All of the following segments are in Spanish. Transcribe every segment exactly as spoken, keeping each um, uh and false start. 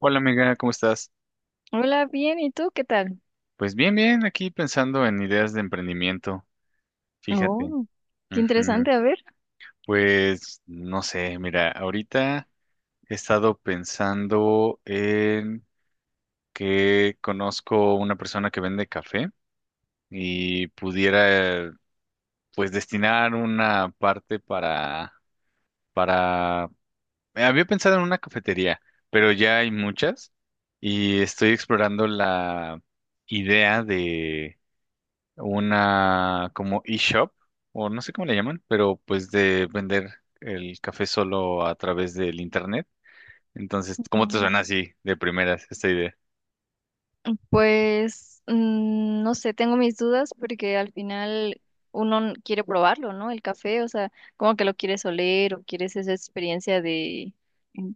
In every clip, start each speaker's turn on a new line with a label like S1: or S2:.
S1: Hola amiga, ¿cómo estás?
S2: Hola, bien, ¿y tú qué tal?
S1: Pues bien, bien, aquí pensando en ideas de emprendimiento, fíjate.
S2: Oh, qué
S1: Ujú.
S2: interesante, a ver.
S1: Pues no sé, mira, ahorita he estado pensando en que conozco una persona que vende café y pudiera pues destinar una parte para, para, eh, había pensado en una cafetería, pero ya hay muchas y estoy explorando la idea una como eShop, o no sé cómo le llaman, pero pues de vender el café solo a través del internet. Entonces, ¿cómo te
S2: No.
S1: suena así de primeras esta idea?
S2: Pues mm, no sé, tengo mis dudas porque al final uno n- quiere probarlo, ¿no? El café, o sea, como que lo quieres oler o quieres esa experiencia de, mm,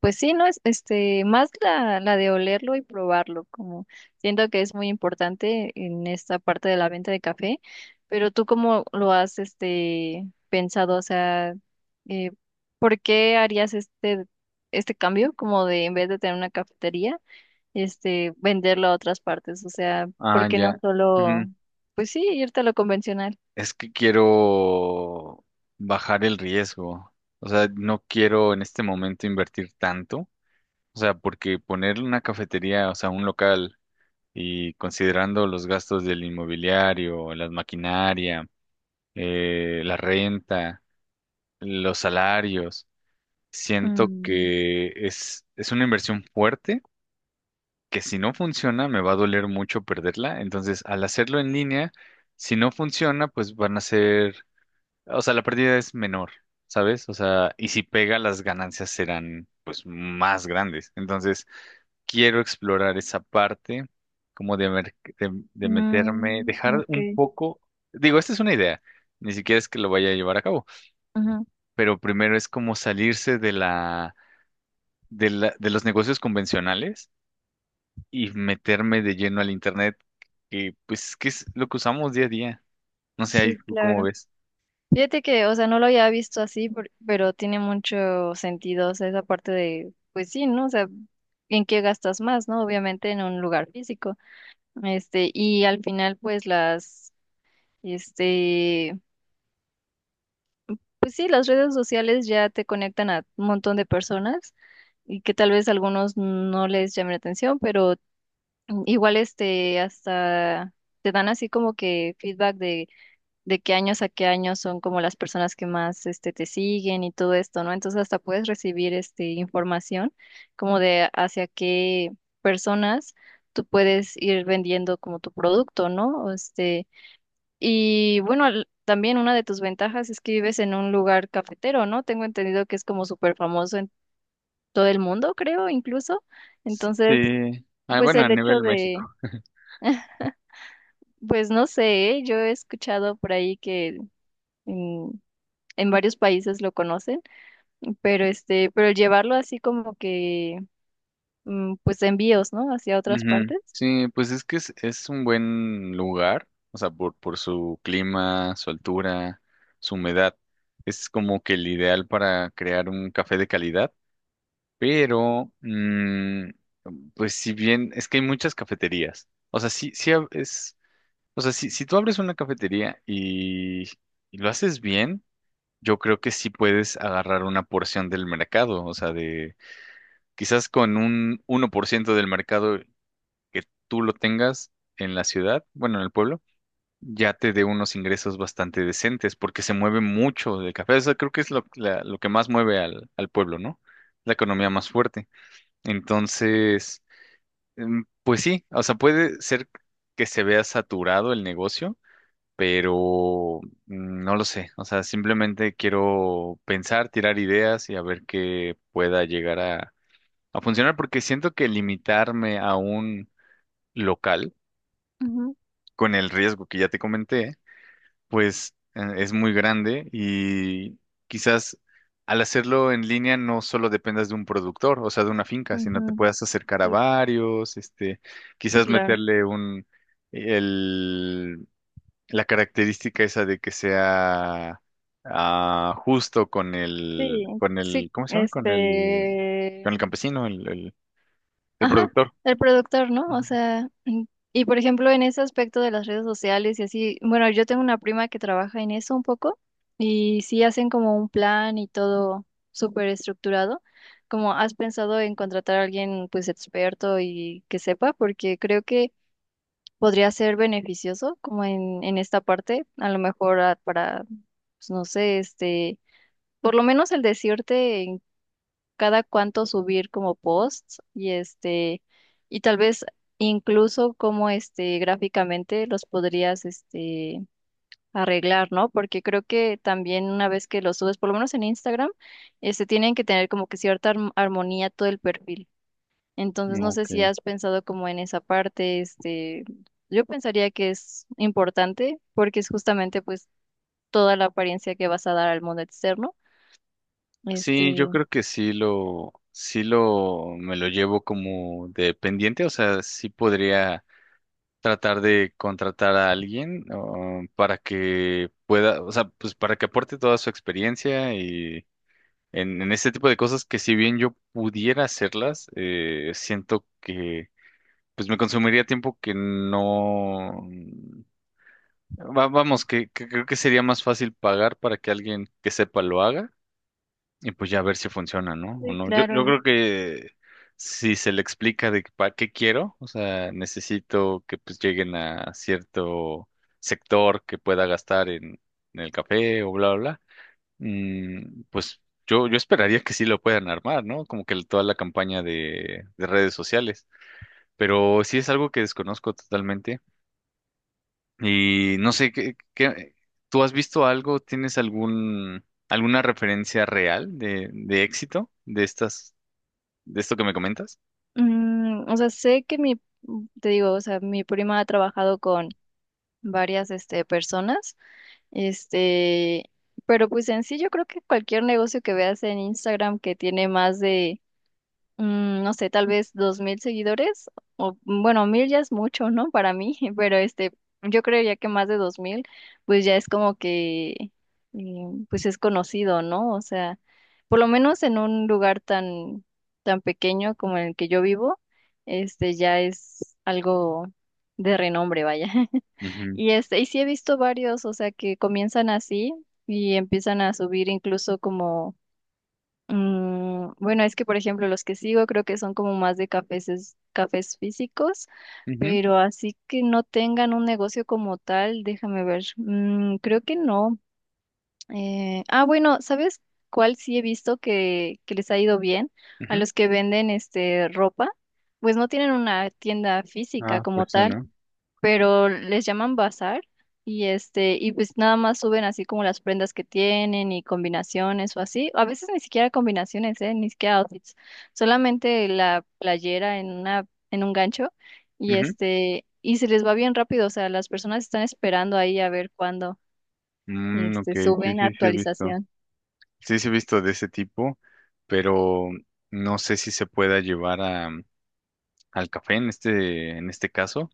S2: pues sí, ¿no? Es, este, más la, la de olerlo y probarlo, como siento que es muy importante en esta parte de la venta de café, pero tú cómo lo has, este, pensado, o sea, eh, ¿por qué harías este, este cambio como de en vez de tener una cafetería? Este, venderlo a otras partes. O sea, ¿por
S1: Ah,
S2: qué no
S1: ya.
S2: solo,
S1: Ujú.
S2: pues sí, irte a lo convencional?
S1: Es que quiero bajar el riesgo. O sea, no quiero en este momento invertir tanto. O sea, porque poner una cafetería, o sea, un local y considerando los gastos del inmobiliario, la maquinaria, eh, la renta, los salarios. Siento
S2: Mm,
S1: que es, es una inversión fuerte, que si no funciona me va a doler mucho perderla. Entonces, al hacerlo en línea, si no funciona, pues van a ser, o sea, la pérdida es menor, ¿sabes? O sea, y si pega, las ganancias serán pues más grandes. Entonces, quiero explorar esa parte, como de, mer- de, de meterme,
S2: mm,
S1: dejar
S2: ok.
S1: un poco, digo, esta es una idea, ni siquiera es que lo vaya a llevar a cabo,
S2: Ujú.
S1: pero primero es como salirse de la de la- de los negocios convencionales y meterme de lleno al internet, que pues que es lo que usamos día a día. No sé, ahí
S2: Sí,
S1: tú cómo
S2: claro.
S1: ves.
S2: Fíjate que, o sea, no lo había visto así, por- pero tiene mucho sentido, o sea, esa parte de, pues sí, ¿no? O sea, ¿en qué gastas más, no? Obviamente en un lugar físico. Este, y al final, pues las, este, pues sí, las redes sociales ya te conectan a un montón de personas y que tal vez algunos no les llame la atención, pero mm, igual este hasta te dan así como que feedback de, de qué años a qué años son como las personas que más este te siguen y todo esto, ¿no? Entonces hasta puedes recibir este información como de hacia qué personas tú puedes ir vendiendo como tu producto, ¿no? O Este, y bueno, al- también una de tus ventajas es que vives en un lugar cafetero, ¿no? Tengo entendido que es como súper famoso todo el mundo, creo, incluso. Entonces,
S1: Sí. Ah,
S2: pues
S1: bueno, a
S2: el hecho
S1: nivel
S2: de,
S1: México.
S2: pues no sé, ¿eh? Yo he escuchado por ahí que en, en varios países lo conocen, pero este, pero el llevarlo así como que, mm, pues envíos, ¿no? Hacia otras
S1: Ujú.
S2: partes.
S1: Sí, pues es que es, es un buen lugar, o sea, por, por su clima, su altura, su humedad. Es como que el ideal para crear un café de calidad, pero, mm, pues si bien, es que hay muchas cafeterías. O sea, sí, sí ha- es, o sea, si, si tú abres una cafetería y, y lo haces bien, yo creo que sí puedes agarrar una porción del mercado. O sea, de quizás con un uno por ciento del mercado que tú lo tengas en la ciudad, bueno, en el pueblo, ya te dé unos ingresos bastante decentes, porque se mueve mucho del café. O sea, creo que es lo, la- lo que más mueve al, al pueblo, ¿no? La economía más fuerte. Entonces, em, pues sí, o sea, puede ser que se vea saturado el negocio pero mm, no lo sé. O sea, simplemente quiero pensar, tirar ideas y a ver qué pueda llegar a, a funcionar, porque siento que limitarme a un local
S2: Ujú,
S1: con el riesgo que ya te comenté, pues eh, es muy grande y quizás al hacerlo en línea no solo dependas de un productor, o sea, de una finca, sino te
S2: ujú.
S1: puedas acercar a
S2: Sí,
S1: varios, este,
S2: sí,
S1: quizás
S2: claro.
S1: meterle un... El, la característica esa de que sea ah, justo con el,
S2: Sí,
S1: con
S2: sí,
S1: el, ¿cómo se llama? Con el,
S2: este.
S1: con el campesino, el, el, el
S2: Ajá,
S1: productor.
S2: el productor, ¿no? O
S1: Ujú.
S2: sea, mm, y por ejemplo, en ese aspecto de las redes sociales y así, bueno, yo tengo una prima que trabaja en eso un poco y sí hacen como un plan y todo súper estructurado. Como has pensado en contratar a alguien pues experto y que sepa, porque creo que podría ser beneficioso como en, en esta parte, a lo mejor ah, para, pues, no sé, este, por lo menos el decirte cada cuánto subir como posts y este, y tal vez incluso como este gráficamente los podrías este arreglar, ¿no? Porque creo que también una vez que los subes, por lo menos en Instagram, este tienen que tener como que cierta arm- armonía todo el perfil. Entonces no sé
S1: Ok.
S2: si has pensado como en esa parte, este, yo pensaría que es importante porque es justamente pues toda la apariencia que vas a dar al mundo externo.
S1: Sí, yo
S2: Este,
S1: creo que sí lo, sí lo, me lo llevo como de pendiente, o sea, sí podría tratar de contratar a alguien, ah, para que pueda, o sea, pues para que aporte toda su experiencia En, en este tipo de cosas que si bien yo pudiera hacerlas, eh, siento que pues me consumiría tiempo que no... va- vamos, que, que creo que sería más fácil pagar para que alguien que sepa lo haga y pues ya ver si funciona, ¿no? O
S2: sí,
S1: no. Yo, yo
S2: claro.
S1: creo que si se le explica de para qué quiero, o sea, necesito que pues lleguen a cierto sector que pueda gastar en, en el café o bla, bla, bla. Mm, pues yo, yo esperaría que sí lo puedan armar, ¿no? Como que el- toda la campaña de, de redes sociales. Pero sí es algo que desconozco totalmente. Y no sé, ¿qué, qué- tú has visto algo? ¿Tienes algún, alguna referencia real de, de éxito de estas, de esto que me comentas?
S2: Mm, o sea, sé que mi, te digo, o sea, mi prima ha trabajado con varias, este, personas, este, pero pues en sí yo creo que cualquier negocio que veas en Instagram que tiene más de mm, no sé, tal vez dos mil seguidores, o bueno, mil ya es mucho, ¿no? Para mí, pero este, yo creería que más de dos mil, pues ya es como que, eh, pues es conocido, ¿no? O sea, por lo menos en un lugar tan, tan pequeño como el que yo vivo, este, ya es algo de renombre, vaya.
S1: Ujú,
S2: Y este, y sí he visto varios, o sea, que comienzan así y empiezan a subir incluso como Mm, bueno, es que por ejemplo los que sigo creo que son como más de cafés, es- cafés físicos,
S1: ujú,
S2: pero así que no tengan un negocio como tal, déjame ver. Mm, creo que no. Eh, ah, bueno, ¿sabes cuál sí he visto que, que les ha ido bien? A
S1: ujú.
S2: los que venden este ropa, pues no tienen una tienda física
S1: Ah,
S2: como
S1: pues sí,
S2: tal,
S1: ¿no?
S2: pero les llaman bazar y este y pues nada más suben así como las prendas que tienen y combinaciones o así, a veces ni siquiera combinaciones, eh, ni siquiera outfits, solamente la playera en una en un gancho y
S1: Ujú.
S2: este y se les va bien rápido, o sea, las personas están esperando ahí a ver cuándo
S1: Mm, ok,
S2: este
S1: sí,
S2: suben
S1: sí, sí he visto.
S2: actualización.
S1: Sí, sí he visto de ese tipo, pero no sé si se pueda llevar al café en este, en este caso,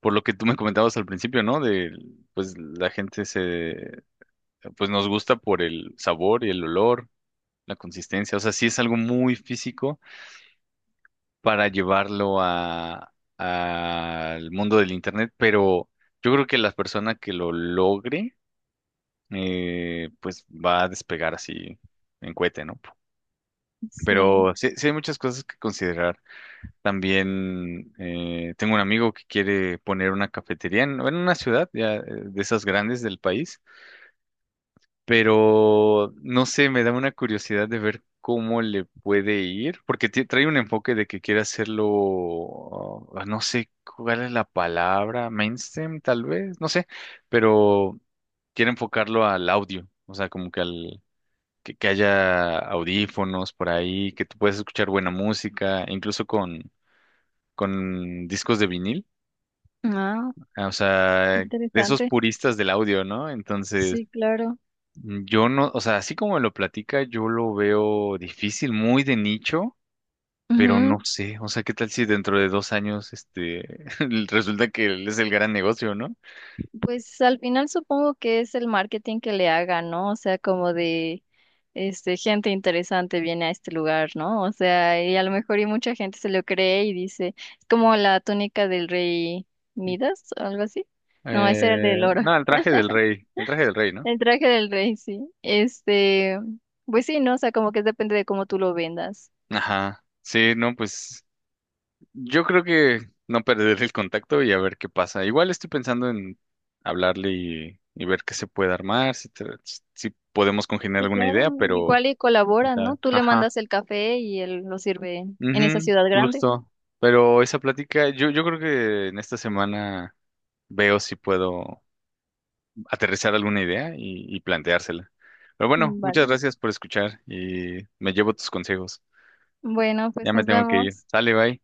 S1: por lo que tú me comentabas al principio, ¿no? De, pues la gente se, pues nos gusta por el sabor y el olor, la consistencia, o sea, sí es algo muy físico para llevarlo a, al mundo del internet, pero yo creo que la persona que lo logre, eh, pues va a despegar así en cohete, ¿no?
S2: Sí.
S1: Pero sí, sí hay muchas cosas que considerar. También eh, tengo un amigo que quiere poner una cafetería en, bueno, en una ciudad ya, eh, de esas grandes del país, pero no sé, me da una curiosidad de ver cómo le puede ir, porque ti- trae un enfoque de que quiere hacerlo, ah, no sé cuál es la palabra, mainstream tal vez, no sé, pero quiere enfocarlo al audio, o sea, como que al... Que, que haya audífonos por ahí, que tú puedas escuchar buena música, incluso con, con discos de vinil.
S2: Ah,
S1: Ah, o sea, de esos
S2: interesante.
S1: puristas del audio, ¿no? Entonces,
S2: Sí, claro.
S1: mm, yo no, o sea, así como me lo platica, yo lo veo difícil, muy de nicho, pero no
S2: Ujú.
S1: sé, o sea, ¿qué tal si dentro de dos años, este, resulta que es el gran negocio, ¿no?
S2: Pues al final supongo que es el marketing que le haga, ¿no? O sea, como de este gente interesante viene a este lugar, ¿no? O sea, y a lo mejor y mucha gente se lo cree y dice, es como la túnica del rey Midas o algo así. No, ese era el
S1: Eh,
S2: del oro.
S1: no, el traje del rey, el traje del rey, ¿no?
S2: El traje del rey, sí. Este, pues sí, ¿no? O sea, como que depende de cómo tú lo vendas.
S1: Ajá, sí, no, pues yo creo que no perder el contacto y a ver qué pasa. Igual estoy pensando en hablarle y, y ver qué se puede armar, si, te- si podemos congeniar
S2: Sí,
S1: alguna
S2: claro.
S1: idea, pero...
S2: Igual y
S1: ¿Quién
S2: colaboran, ¿no?
S1: sabe?
S2: Tú le
S1: Ajá.
S2: mandas el café y él lo sirve en esa
S1: Ujú,
S2: ciudad grande.
S1: justo. Pero esa plática, yo, yo creo que en esta semana veo si puedo aterrizar alguna idea y, y planteársela. Pero bueno, muchas
S2: Vale.
S1: gracias por escuchar y me llevo tus consejos.
S2: Bueno,
S1: Ya
S2: pues
S1: me
S2: nos
S1: tengo que ir.
S2: vemos.
S1: Sale, bye.